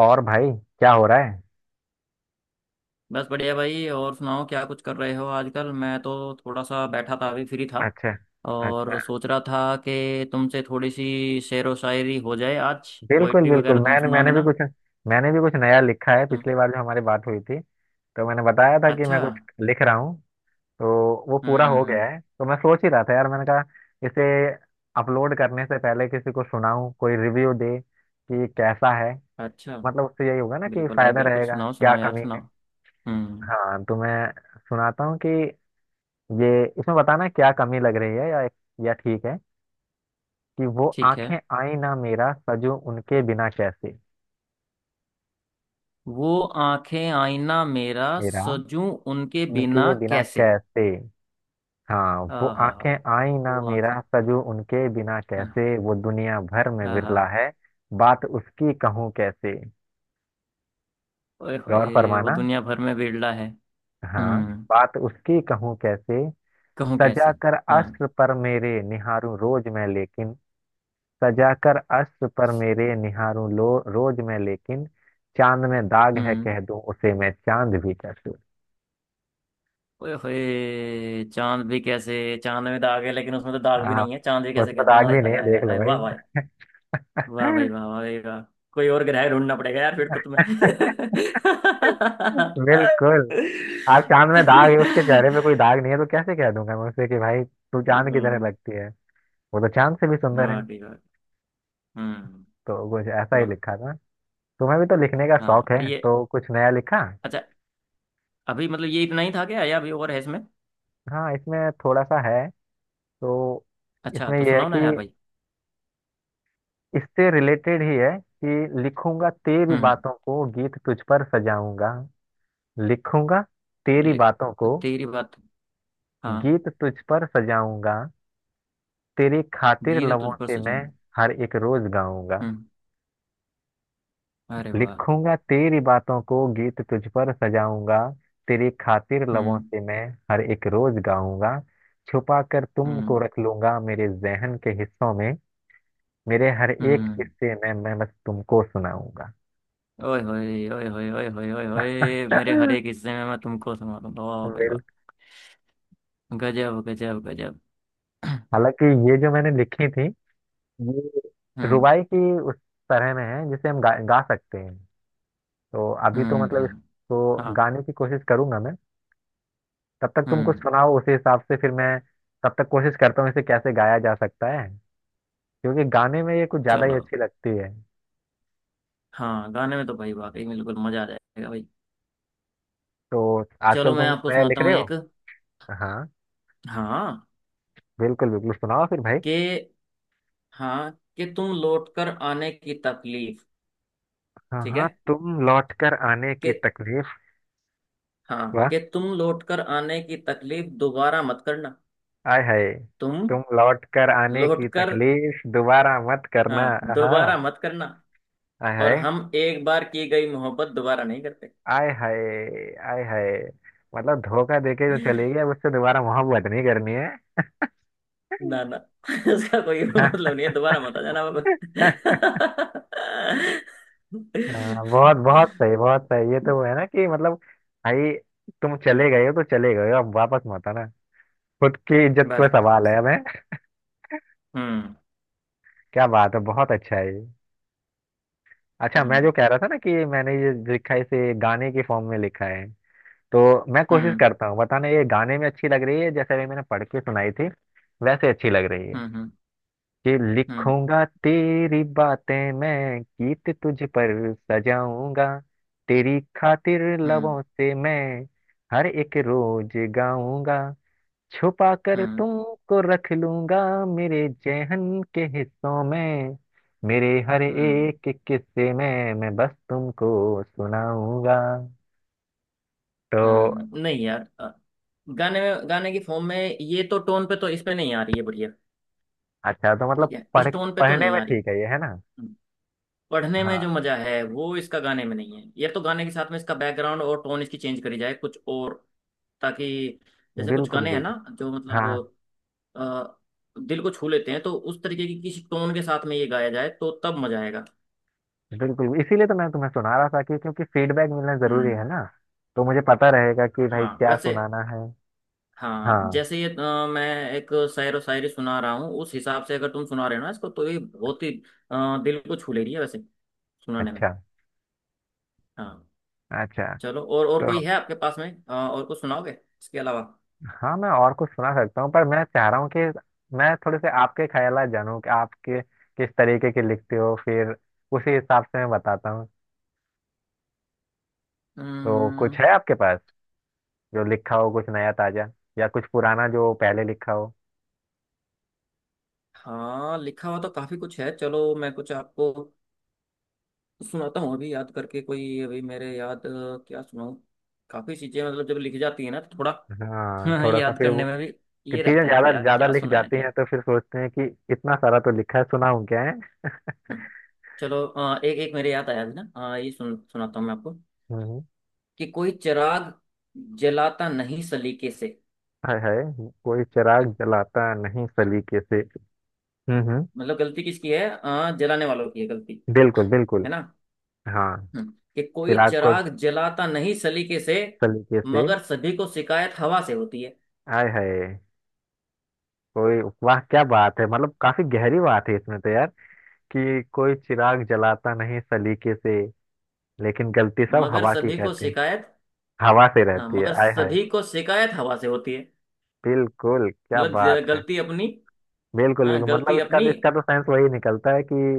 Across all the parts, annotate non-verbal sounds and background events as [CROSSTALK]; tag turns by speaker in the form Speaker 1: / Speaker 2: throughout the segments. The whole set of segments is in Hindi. Speaker 1: और भाई क्या हो रहा है।
Speaker 2: बस बढ़िया भाई। और सुनाओ, क्या कुछ कर रहे हो आजकल? मैं तो थोड़ा सा बैठा था, अभी फ्री था
Speaker 1: अच्छा। अच्छा।
Speaker 2: और सोच रहा था कि तुमसे थोड़ी सी शेरो शायरी हो जाए। आज
Speaker 1: बिल्कुल
Speaker 2: पोइट्री
Speaker 1: बिल्कुल
Speaker 2: वगैरह तुम
Speaker 1: मैंने
Speaker 2: सुना देना।
Speaker 1: मैंने भी कुछ नया लिखा है। पिछली
Speaker 2: हम्म,
Speaker 1: बार जो हमारी बात हुई थी तो मैंने बताया था कि
Speaker 2: अच्छा।
Speaker 1: मैं कुछ लिख रहा हूँ। तो वो पूरा हो
Speaker 2: हम्म।
Speaker 1: गया है तो मैं सोच ही रहा था यार मैंने कहा इसे अपलोड करने से पहले किसी को सुनाऊं कोई रिव्यू दे कि कैसा है।
Speaker 2: अच्छा।
Speaker 1: मतलब उससे यही होगा ना कि
Speaker 2: बिल्कुल भाई,
Speaker 1: फायदा
Speaker 2: बिल्कुल।
Speaker 1: रहेगा
Speaker 2: सुनाओ,
Speaker 1: क्या
Speaker 2: सुनाओ यार,
Speaker 1: कमी है।
Speaker 2: सुनाओ। हम्म।
Speaker 1: हाँ तो मैं सुनाता हूँ कि ये इसमें बताना क्या कमी लग रही है, या ठीक है कि वो
Speaker 2: ठीक है।
Speaker 1: आंखें आई ना मेरा सजो उनके बिना कैसे।
Speaker 2: वो आंखें आईना, मेरा
Speaker 1: मेरा
Speaker 2: सजूं उनके बिना
Speaker 1: उनके बिना
Speaker 2: कैसे।
Speaker 1: कैसे। हाँ वो
Speaker 2: आहा।
Speaker 1: आंखें आई ना
Speaker 2: वो
Speaker 1: मेरा
Speaker 2: आंखें।
Speaker 1: सजो उनके बिना
Speaker 2: हाँ।
Speaker 1: कैसे, वो दुनिया भर में
Speaker 2: आहा।
Speaker 1: विरला है। बात उसकी कहूँ कैसे।
Speaker 2: ओए
Speaker 1: गौर
Speaker 2: होए, वो
Speaker 1: फरमाना।
Speaker 2: दुनिया भर में बिरला है।
Speaker 1: हाँ
Speaker 2: हम्म।
Speaker 1: बात उसकी कहूँ कैसे।
Speaker 2: कहूँ
Speaker 1: सजा
Speaker 2: कैसे।
Speaker 1: कर
Speaker 2: हाँ।
Speaker 1: अस्त्र पर मेरे निहारूं रोज मैं लेकिन। सजा कर अस्त्र पर मेरे निहारूं लो रोज मैं लेकिन। चांद में दाग है
Speaker 2: हम्म।
Speaker 1: कह दूं उसे मैं चांद भी कह दूं।
Speaker 2: ओए होए, चांद भी कैसे। चांद में दाग है, लेकिन उसमें तो दाग भी
Speaker 1: हाँ
Speaker 2: नहीं है, चांद भी कैसे
Speaker 1: उसमें
Speaker 2: कह दूँ।
Speaker 1: दाग
Speaker 2: हाय
Speaker 1: भी नहीं
Speaker 2: हाय
Speaker 1: है
Speaker 2: हाय हाय
Speaker 1: देख लो
Speaker 2: हाय,
Speaker 1: भाई।
Speaker 2: वाह वाह। वाह भाई वाह,
Speaker 1: [LAUGHS]
Speaker 2: वाह भाई, वाह। कोई और ग्रह ढूंढना पड़ेगा यार फिर तो तुम्हें।
Speaker 1: बिल्कुल आप चांद में दाग है उसके चेहरे पे कोई दाग नहीं है तो कैसे कह दूंगा मैं उसे कि भाई तू चांद की तरह
Speaker 2: हम्म।
Speaker 1: लगती है वो तो चांद से भी सुंदर है
Speaker 2: वाकई, वाह। हम्म।
Speaker 1: तो कुछ ऐसा ही
Speaker 2: वाह।
Speaker 1: लिखा था तुम्हें भी तो लिखने का शौक
Speaker 2: हाँ,
Speaker 1: है
Speaker 2: ये।
Speaker 1: तो कुछ नया लिखा
Speaker 2: अच्छा, अभी मतलब ये इतना ही था क्या, या अभी और है इसमें?
Speaker 1: हाँ इसमें थोड़ा सा है तो
Speaker 2: अच्छा,
Speaker 1: इसमें
Speaker 2: तो
Speaker 1: यह है
Speaker 2: सुनाओ
Speaker 1: कि
Speaker 2: ना यार भाई।
Speaker 1: इससे रिलेटेड ही है कि लिखूंगा तेरी
Speaker 2: हम्म।
Speaker 1: बातों को गीत तुझ पर सजाऊंगा लिखूंगा तेरी
Speaker 2: ले-
Speaker 1: बातों को
Speaker 2: तेरी बात। हाँ।
Speaker 1: गीत तुझ पर सजाऊंगा तेरी खातिर
Speaker 2: गीत
Speaker 1: लबों
Speaker 2: तुझ पर
Speaker 1: से मैं
Speaker 2: सजम।
Speaker 1: हर एक रोज गाऊंगा
Speaker 2: हम्म। अरे वाह।
Speaker 1: लिखूंगा तेरी बातों को गीत तुझ पर सजाऊंगा तेरी खातिर लबों
Speaker 2: हम्म।
Speaker 1: से मैं हर एक रोज गाऊंगा छुपा कर तुमको
Speaker 2: हम्म।
Speaker 1: रख लूंगा मेरे जहन के हिस्सों में मेरे हर एक
Speaker 2: हम्म।
Speaker 1: किस्से में मैं बस तुमको सुनाऊंगा
Speaker 2: ओए होए, ओए होए, ओए होए, ओए होए, मेरे हर
Speaker 1: [LAUGHS]
Speaker 2: एक हिस्से में मैं तुमको समा दूंगा। वाह भाई
Speaker 1: बिल-
Speaker 2: वाह। गजब गजब गजब। [CLEARS THROAT]
Speaker 1: हालांकि ये जो मैंने लिखी थी ये
Speaker 2: हम्म।
Speaker 1: रुबाई की उस तरह में है जिसे हम गा सकते हैं। तो अभी तो मतलब
Speaker 2: हम्म।
Speaker 1: इसको
Speaker 2: हाँ।
Speaker 1: गाने की कोशिश करूंगा मैं। तब तक तुम कुछ
Speaker 2: हम्म।
Speaker 1: सुनाओ उसी हिसाब से फिर मैं तब तक कोशिश करता हूँ इसे कैसे गाया जा सकता है। क्योंकि गाने में ये कुछ ज्यादा ही
Speaker 2: चलो।
Speaker 1: अच्छी लगती है।
Speaker 2: हाँ, गाने में तो भाई वाकई में बिल्कुल मजा आ जाएगा भाई।
Speaker 1: तो
Speaker 2: चलो,
Speaker 1: आजकल तुम
Speaker 2: मैं
Speaker 1: कुछ
Speaker 2: आपको
Speaker 1: नया
Speaker 2: सुनाता
Speaker 1: लिख रहे
Speaker 2: हूँ
Speaker 1: हो।
Speaker 2: एक।
Speaker 1: हाँ
Speaker 2: हाँ।
Speaker 1: बिल्कुल बिल्कुल सुनाओ फिर भाई।
Speaker 2: के। हाँ, कि तुम लौट कर आने की तकलीफ।
Speaker 1: हाँ
Speaker 2: ठीक है।
Speaker 1: हाँ तुम लौट कर आने की
Speaker 2: कि,
Speaker 1: तकलीफ।
Speaker 2: हाँ,
Speaker 1: वाह,
Speaker 2: कि तुम लौट कर आने की तकलीफ दोबारा मत करना।
Speaker 1: आय हाय,
Speaker 2: तुम
Speaker 1: तुम लौट कर आने की
Speaker 2: लौटकर।
Speaker 1: तकलीफ दोबारा मत करना।
Speaker 2: हाँ,
Speaker 1: हाँ।
Speaker 2: दोबारा मत करना।
Speaker 1: आय
Speaker 2: और
Speaker 1: हाय,
Speaker 2: हम एक बार की गई मोहब्बत दोबारा नहीं करते।
Speaker 1: आय हाय, आय हाय। मतलब धोखा देके जो चली गई अब उससे दोबारा मोहब्बत नहीं करनी है।
Speaker 2: ना ना, [LAUGHS] उसका कोई मतलब नहीं है, दोबारा मत आ जाना बाबा।
Speaker 1: [LAUGHS] हाँ बहुत बहुत सही, बहुत सही, ये तो है ना कि मतलब भाई तुम
Speaker 2: हम्म,
Speaker 1: चले गए हो तो चले गए हो, अब वापस मत आना। खुद की इज्जत का
Speaker 2: बस बस
Speaker 1: सवाल
Speaker 2: बस।
Speaker 1: है मैं।
Speaker 2: हम्म।
Speaker 1: क्या बात है, बहुत अच्छा है ये। अच्छा मैं जो
Speaker 2: हम्म।
Speaker 1: कह रहा था ना कि मैंने ये लिखा है, इसे गाने के फॉर्म में लिखा है। तो मैं कोशिश
Speaker 2: हम्म।
Speaker 1: करता हूँ, बताना ये गाने में अच्छी लग रही है जैसे अभी मैंने पढ़ के सुनाई थी वैसे अच्छी लग रही है।
Speaker 2: हम्म। हम्म।
Speaker 1: कि
Speaker 2: हम्म।
Speaker 1: लिखूंगा तेरी बातें मैं, गीत तुझ पर सजाऊंगा, तेरी खातिर
Speaker 2: हम्म।
Speaker 1: लबों से मैं हर एक रोज गाऊंगा। छुपा कर
Speaker 2: हम्म।
Speaker 1: तुमको रख लूंगा मेरे जेहन के हिस्सों में, मेरे हर
Speaker 2: हम्म।
Speaker 1: एक किस्से में मैं बस तुमको सुनाऊंगा। तो
Speaker 2: हम्म। नहीं यार, गाने की फॉर्म में ये तो टोन पे तो इसमें नहीं आ रही है बढ़िया।
Speaker 1: अच्छा, तो
Speaker 2: ठीक
Speaker 1: मतलब
Speaker 2: है,
Speaker 1: पढ़
Speaker 2: इस टोन पे तो
Speaker 1: पढ़ने
Speaker 2: नहीं
Speaker 1: में
Speaker 2: आ रही।
Speaker 1: ठीक है ये, है ना।
Speaker 2: हम्म। पढ़ने में
Speaker 1: हाँ।
Speaker 2: जो मजा है वो इसका गाने में नहीं है। ये तो गाने के साथ में इसका बैकग्राउंड और टोन इसकी चेंज करी जाए कुछ और, ताकि जैसे कुछ
Speaker 1: बिल्कुल
Speaker 2: गाने हैं ना
Speaker 1: बिल्कुल।
Speaker 2: जो
Speaker 1: हाँ
Speaker 2: मतलब अ, दिल को छू लेते हैं, तो उस तरीके की किसी टोन के साथ में ये गाया जाए तो तब मजा आएगा।
Speaker 1: बिल्कुल, इसीलिए तो मैं तुम्हें सुना रहा था, कि क्योंकि फीडबैक मिलना जरूरी
Speaker 2: हम्म।
Speaker 1: है ना। तो मुझे पता रहेगा कि भाई
Speaker 2: हाँ,
Speaker 1: क्या
Speaker 2: वैसे।
Speaker 1: सुनाना है।
Speaker 2: हाँ
Speaker 1: हाँ।
Speaker 2: जैसे ये मैं एक शायर व शायरी सुना रहा हूँ उस हिसाब से अगर तुम सुना रहे हो ना इसको, तो ये बहुत ही दिल को छू ले रही है वैसे, सुनाने में।
Speaker 1: अच्छा।
Speaker 2: हाँ।
Speaker 1: अच्छा।
Speaker 2: चलो। और
Speaker 1: तो
Speaker 2: कोई है आपके पास में, और कुछ सुनाओगे इसके अलावा?
Speaker 1: हाँ मैं और कुछ सुना सकता हूँ, पर मैं चाह रहा हूँ कि मैं थोड़े से आपके ख्यालात जानूँ कि किस तरीके के लिखते हो, फिर उसी हिसाब से मैं बताता हूँ। तो
Speaker 2: हम्म,
Speaker 1: कुछ है आपके पास जो लिखा हो, कुछ नया ताजा या कुछ पुराना जो पहले लिखा हो।
Speaker 2: हाँ। लिखा हुआ तो काफी कुछ है। चलो, मैं कुछ आपको सुनाता हूँ अभी याद करके। कोई अभी मेरे याद, क्या सुनाऊँ? काफी चीजें, मतलब जब लिखी जाती है ना तो थोड़ा
Speaker 1: हाँ
Speaker 2: [LAUGHS]
Speaker 1: थोड़ा सा
Speaker 2: याद
Speaker 1: फिर वो,
Speaker 2: करने में भी
Speaker 1: कि
Speaker 2: ये
Speaker 1: चीजें
Speaker 2: रहता है
Speaker 1: ज्यादा
Speaker 2: कि यार
Speaker 1: ज्यादा
Speaker 2: क्या
Speaker 1: लिख
Speaker 2: सुनाया
Speaker 1: जाती
Speaker 2: जाए।
Speaker 1: हैं तो फिर सोचते हैं कि इतना सारा तो लिखा है, सुनाऊं क्या है।
Speaker 2: हम्म, चलो। एक एक मेरे याद आया अभी ना, ये सुनाता हूँ मैं आपको
Speaker 1: हम्म।
Speaker 2: कि कोई चिराग जलाता नहीं सलीके से।
Speaker 1: हाय हाय, कोई चिराग
Speaker 2: ठीक,
Speaker 1: जलाता नहीं सलीके से। हम्म,
Speaker 2: मतलब गलती किसकी है? जलाने वालों की है गलती,
Speaker 1: बिल्कुल बिल्कुल।
Speaker 2: है ना।
Speaker 1: हाँ,
Speaker 2: कि कोई
Speaker 1: चिराग को
Speaker 2: चिराग जलाता नहीं सलीके से,
Speaker 1: सलीके से।
Speaker 2: मगर सभी को शिकायत हवा से होती है।
Speaker 1: हाय हाय, कोई वाह, क्या बात है, मतलब काफी गहरी बात है इसमें तो यार। कि कोई चिराग जलाता नहीं सलीके से लेकिन गलती सब
Speaker 2: मगर
Speaker 1: हवा की
Speaker 2: सभी को
Speaker 1: कहते हैं,
Speaker 2: शिकायत।
Speaker 1: हवा से
Speaker 2: हाँ,
Speaker 1: रहती है,
Speaker 2: मगर
Speaker 1: हाय हाय।
Speaker 2: सभी को शिकायत हवा से होती है।
Speaker 1: बिल्कुल, क्या
Speaker 2: मतलब
Speaker 1: बात है।
Speaker 2: गलती अपनी।
Speaker 1: बिल्कुल
Speaker 2: हाँ,
Speaker 1: बिल्कुल,
Speaker 2: गलती
Speaker 1: मतलब इसका
Speaker 2: अपनी।
Speaker 1: इसका तो सेंस वही निकलता है कि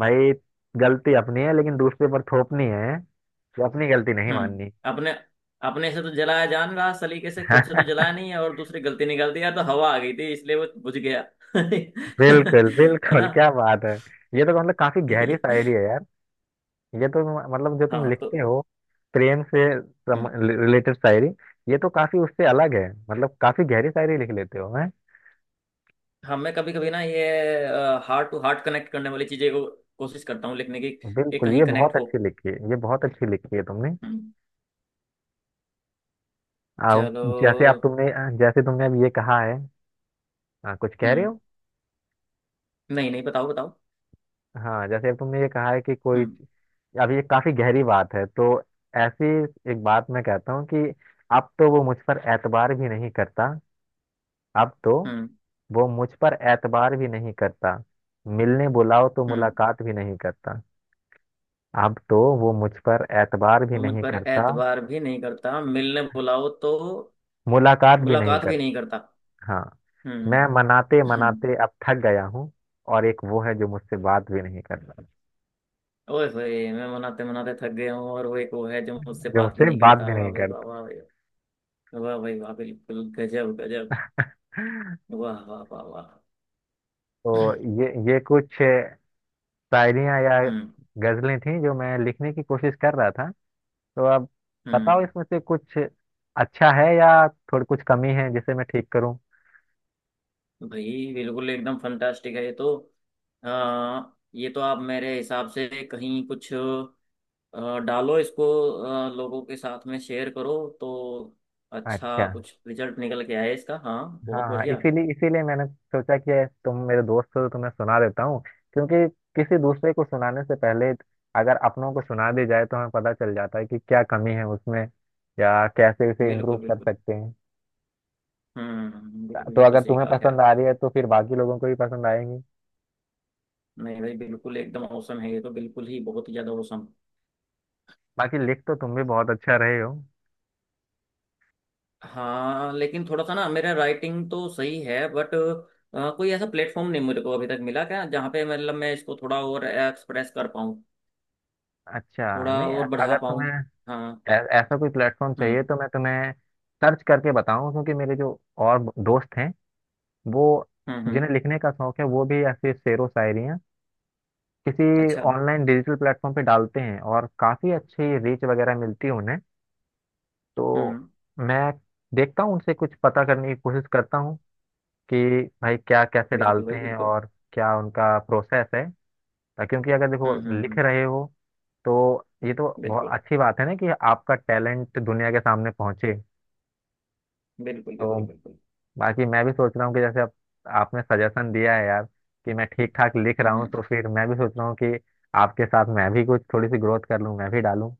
Speaker 1: भाई गलती अपनी है लेकिन दूसरे पर थोपनी है, कि अपनी गलती नहीं माननी।
Speaker 2: हम्म। अपने। अपने से तो जलाया जान रहा सलीके से, खुद से तो
Speaker 1: [LAUGHS]
Speaker 2: जलाया नहीं है, और दूसरी गलती निकाल दी यार, तो हवा आ गई थी इसलिए वो बुझ गया। [LAUGHS]
Speaker 1: बिल्कुल
Speaker 2: है
Speaker 1: बिल्कुल,
Speaker 2: ना।
Speaker 1: क्या बात है। ये तो मतलब काफी गहरी शायरी
Speaker 2: [LAUGHS]
Speaker 1: है यार। ये तो मतलब जो तुम
Speaker 2: हाँ तो।
Speaker 1: लिखते हो प्रेम से
Speaker 2: हम्म।
Speaker 1: रिलेटेड शायरी, ये तो काफी उससे अलग है, मतलब काफी गहरी शायरी लिख लेते हो हैं।
Speaker 2: हाँ, मैं कभी कभी ना ये हार्ट टू हार्ट कनेक्ट करने वाली चीजें को कोशिश करता हूँ लिखने की, ये
Speaker 1: बिल्कुल,
Speaker 2: कहीं
Speaker 1: ये बहुत
Speaker 2: कनेक्ट हो।
Speaker 1: अच्छी लिखी है, ये बहुत अच्छी लिखी है तुमने।
Speaker 2: हम्म,
Speaker 1: अब जैसे आप
Speaker 2: चलो।
Speaker 1: तुमने जैसे तुमने अब ये कहा है। हाँ, कुछ कह रहे
Speaker 2: हम्म।
Speaker 1: हो।
Speaker 2: नहीं नहीं, बताओ बताओ।
Speaker 1: हाँ जैसे अब तुमने ये कहा है कि कोई,
Speaker 2: हम्म।
Speaker 1: अब ये काफी गहरी बात है, तो ऐसी एक बात मैं कहता हूँ कि अब तो वो मुझ पर एतबार भी नहीं करता। अब तो
Speaker 2: हम्म।
Speaker 1: वो मुझ पर एतबार भी नहीं करता, मिलने बुलाओ तो
Speaker 2: हम्म।
Speaker 1: मुलाकात भी नहीं करता। अब तो वो मुझ पर एतबार भी
Speaker 2: वो मुझ
Speaker 1: नहीं
Speaker 2: पर
Speaker 1: करता,
Speaker 2: एतबार भी नहीं करता, मिलने बुलाओ तो
Speaker 1: मुलाकात भी नहीं
Speaker 2: मुलाकात भी नहीं
Speaker 1: करता।
Speaker 2: करता।
Speaker 1: हाँ, मैं
Speaker 2: हम्म।
Speaker 1: मनाते
Speaker 2: हम्म,
Speaker 1: मनाते अब थक गया हूँ, और एक वो है जो मुझसे बात भी नहीं करता,
Speaker 2: ओए होए, मैं मनाते मनाते थक गया हूँ और वो एक वो है जो मुझसे
Speaker 1: जो
Speaker 2: बात भी
Speaker 1: मुझसे
Speaker 2: नहीं
Speaker 1: बात
Speaker 2: करता।
Speaker 1: भी नहीं
Speaker 2: वाह भाई वाह, वाह भाई वाह, भाई वाह, बिल्कुल गजब गजब।
Speaker 1: करता।
Speaker 2: वाह वाह वाह वाह।
Speaker 1: तो
Speaker 2: [CLEARS THROAT]
Speaker 1: ये कुछ शायरियाँ या
Speaker 2: हम्म।
Speaker 1: गजलें थी जो मैं लिखने की कोशिश कर रहा था। तो अब बताओ
Speaker 2: हम्म।
Speaker 1: इसमें से कुछ अच्छा है या थोड़ी कुछ कमी है जिसे मैं ठीक करूँ।
Speaker 2: भाई बिल्कुल एकदम फंटास्टिक है ये तो। आ, ये तो आप मेरे हिसाब से कहीं कुछ डालो इसको, लोगों के साथ में शेयर करो तो अच्छा
Speaker 1: अच्छा।
Speaker 2: कुछ रिजल्ट निकल के आए इसका। हाँ, बहुत
Speaker 1: हाँ
Speaker 2: बढ़िया।
Speaker 1: इसीलिए इसीलिए मैंने सोचा कि तुम मेरे दोस्त हो तो तुम्हें सुना देता हूँ। क्योंकि किसी दूसरे को सुनाने से पहले अगर अपनों को सुना दी जाए तो हमें पता चल जाता है कि क्या कमी है उसमें या कैसे उसे इम्प्रूव
Speaker 2: बिल्कुल
Speaker 1: कर
Speaker 2: बिल्कुल।
Speaker 1: सकते हैं।
Speaker 2: हम्म। बिल्कुल,
Speaker 1: तो
Speaker 2: ये तो
Speaker 1: अगर
Speaker 2: सही
Speaker 1: तुम्हें
Speaker 2: कहा।
Speaker 1: पसंद
Speaker 2: खैर।
Speaker 1: आ रही है तो फिर बाकी लोगों को भी पसंद आएंगी।
Speaker 2: नहीं भाई, बिल्कुल एकदम औसम है ये तो, बिल्कुल ही बहुत ही ज़्यादा औसम।
Speaker 1: बाकी लिख तो तुम भी बहुत अच्छा रहे हो।
Speaker 2: हाँ लेकिन थोड़ा सा ना मेरा राइटिंग तो सही है, बट कोई ऐसा प्लेटफॉर्म नहीं मुझे को अभी तक मिला क्या, जहाँ पे मतलब मैं इसको थोड़ा और एक्सप्रेस कर पाऊँ,
Speaker 1: अच्छा,
Speaker 2: थोड़ा
Speaker 1: नहीं
Speaker 2: और बढ़ा
Speaker 1: अगर तुम्हें
Speaker 2: पाऊँ। हाँ।
Speaker 1: ऐसा कोई प्लेटफॉर्म चाहिए
Speaker 2: हम्म।
Speaker 1: तो मैं तुम्हें सर्च करके बताऊं, क्योंकि मेरे जो और दोस्त हैं, वो,
Speaker 2: हम्म। हम्म।
Speaker 1: जिन्हें लिखने का शौक है, वो भी ऐसे शेरो शायरी किसी
Speaker 2: अच्छा।
Speaker 1: ऑनलाइन डिजिटल प्लेटफॉर्म पे डालते हैं और काफ़ी अच्छी रीच वगैरह मिलती है उन्हें। तो
Speaker 2: हम्म।
Speaker 1: मैं देखता हूँ, उनसे कुछ पता करने की कोशिश करता हूँ कि भाई क्या, कैसे
Speaker 2: बिल्कुल
Speaker 1: डालते
Speaker 2: भाई,
Speaker 1: हैं
Speaker 2: बिल्कुल।
Speaker 1: और क्या उनका प्रोसेस है। क्योंकि अगर
Speaker 2: हम्म।
Speaker 1: देखो
Speaker 2: हम्म।
Speaker 1: लिख
Speaker 2: हम्म।
Speaker 1: रहे हो तो ये तो बहुत
Speaker 2: बिल्कुल
Speaker 1: अच्छी बात है ना कि आपका टैलेंट दुनिया के सामने पहुंचे।
Speaker 2: बिल्कुल
Speaker 1: तो
Speaker 2: बिल्कुल। बिल्कुल।
Speaker 1: बाकी मैं भी सोच रहा हूँ कि आपने सजेशन दिया है यार कि मैं ठीक ठाक लिख रहा
Speaker 2: हम्म।
Speaker 1: हूँ,
Speaker 2: हम्म।
Speaker 1: तो फिर मैं भी सोच रहा हूँ कि आपके साथ मैं भी कुछ थोड़ी सी ग्रोथ कर लूँ, मैं भी डालूँ।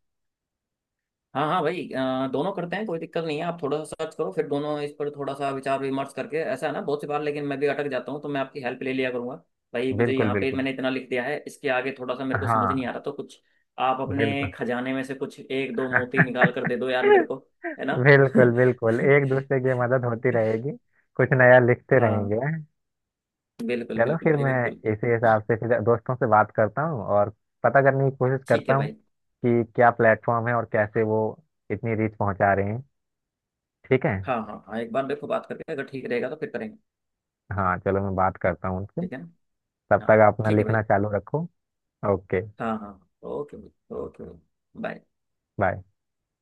Speaker 2: हाँ हाँ भाई, दोनों करते हैं, कोई दिक्कत नहीं है। आप थोड़ा सा सर्च करो, फिर दोनों इस पर थोड़ा सा विचार विमर्श करके, ऐसा है ना, बहुत सी बार लेकिन मैं भी अटक जाता हूँ, तो मैं आपकी हेल्प ले लिया करूंगा। भाई मुझे
Speaker 1: बिल्कुल
Speaker 2: यहाँ पे,
Speaker 1: बिल्कुल।
Speaker 2: मैंने इतना लिख दिया है, इसके आगे थोड़ा सा मेरे को समझ नहीं
Speaker 1: हाँ।
Speaker 2: आ रहा, तो कुछ आप अपने
Speaker 1: बिल्कुल।
Speaker 2: खजाने में से कुछ एक दो मोती निकाल कर दे
Speaker 1: [LAUGHS]
Speaker 2: दो यार मेरे को, है ना।
Speaker 1: बिल्कुल
Speaker 2: [LAUGHS]
Speaker 1: बिल्कुल, एक दूसरे की मदद होती रहेगी, कुछ नया लिखते
Speaker 2: हाँ,
Speaker 1: रहेंगे।
Speaker 2: बिल्कुल
Speaker 1: चलो
Speaker 2: बिल्कुल
Speaker 1: फिर
Speaker 2: भाई,
Speaker 1: मैं
Speaker 2: बिल्कुल।
Speaker 1: इसी हिसाब से फिर दोस्तों से बात करता हूँ और पता करने की कोशिश
Speaker 2: ठीक
Speaker 1: करता
Speaker 2: है
Speaker 1: हूँ
Speaker 2: भाई।
Speaker 1: कि क्या प्लेटफॉर्म है और कैसे वो इतनी रीच पहुंचा रहे हैं। ठीक है।
Speaker 2: हाँ हाँ हाँ, एक बार मेरे को बात करके अगर ठीक रहेगा तो फिर करेंगे।
Speaker 1: हाँ चलो मैं बात करता हूँ उनसे।
Speaker 2: ठीक है ना?
Speaker 1: तब तक
Speaker 2: हाँ,
Speaker 1: अपना
Speaker 2: ठीक है
Speaker 1: लिखना
Speaker 2: भाई।
Speaker 1: चालू रखो। ओके।
Speaker 2: हाँ हाँ हाँ, ओके भाई, ओके भाई, बाय।
Speaker 1: बाय।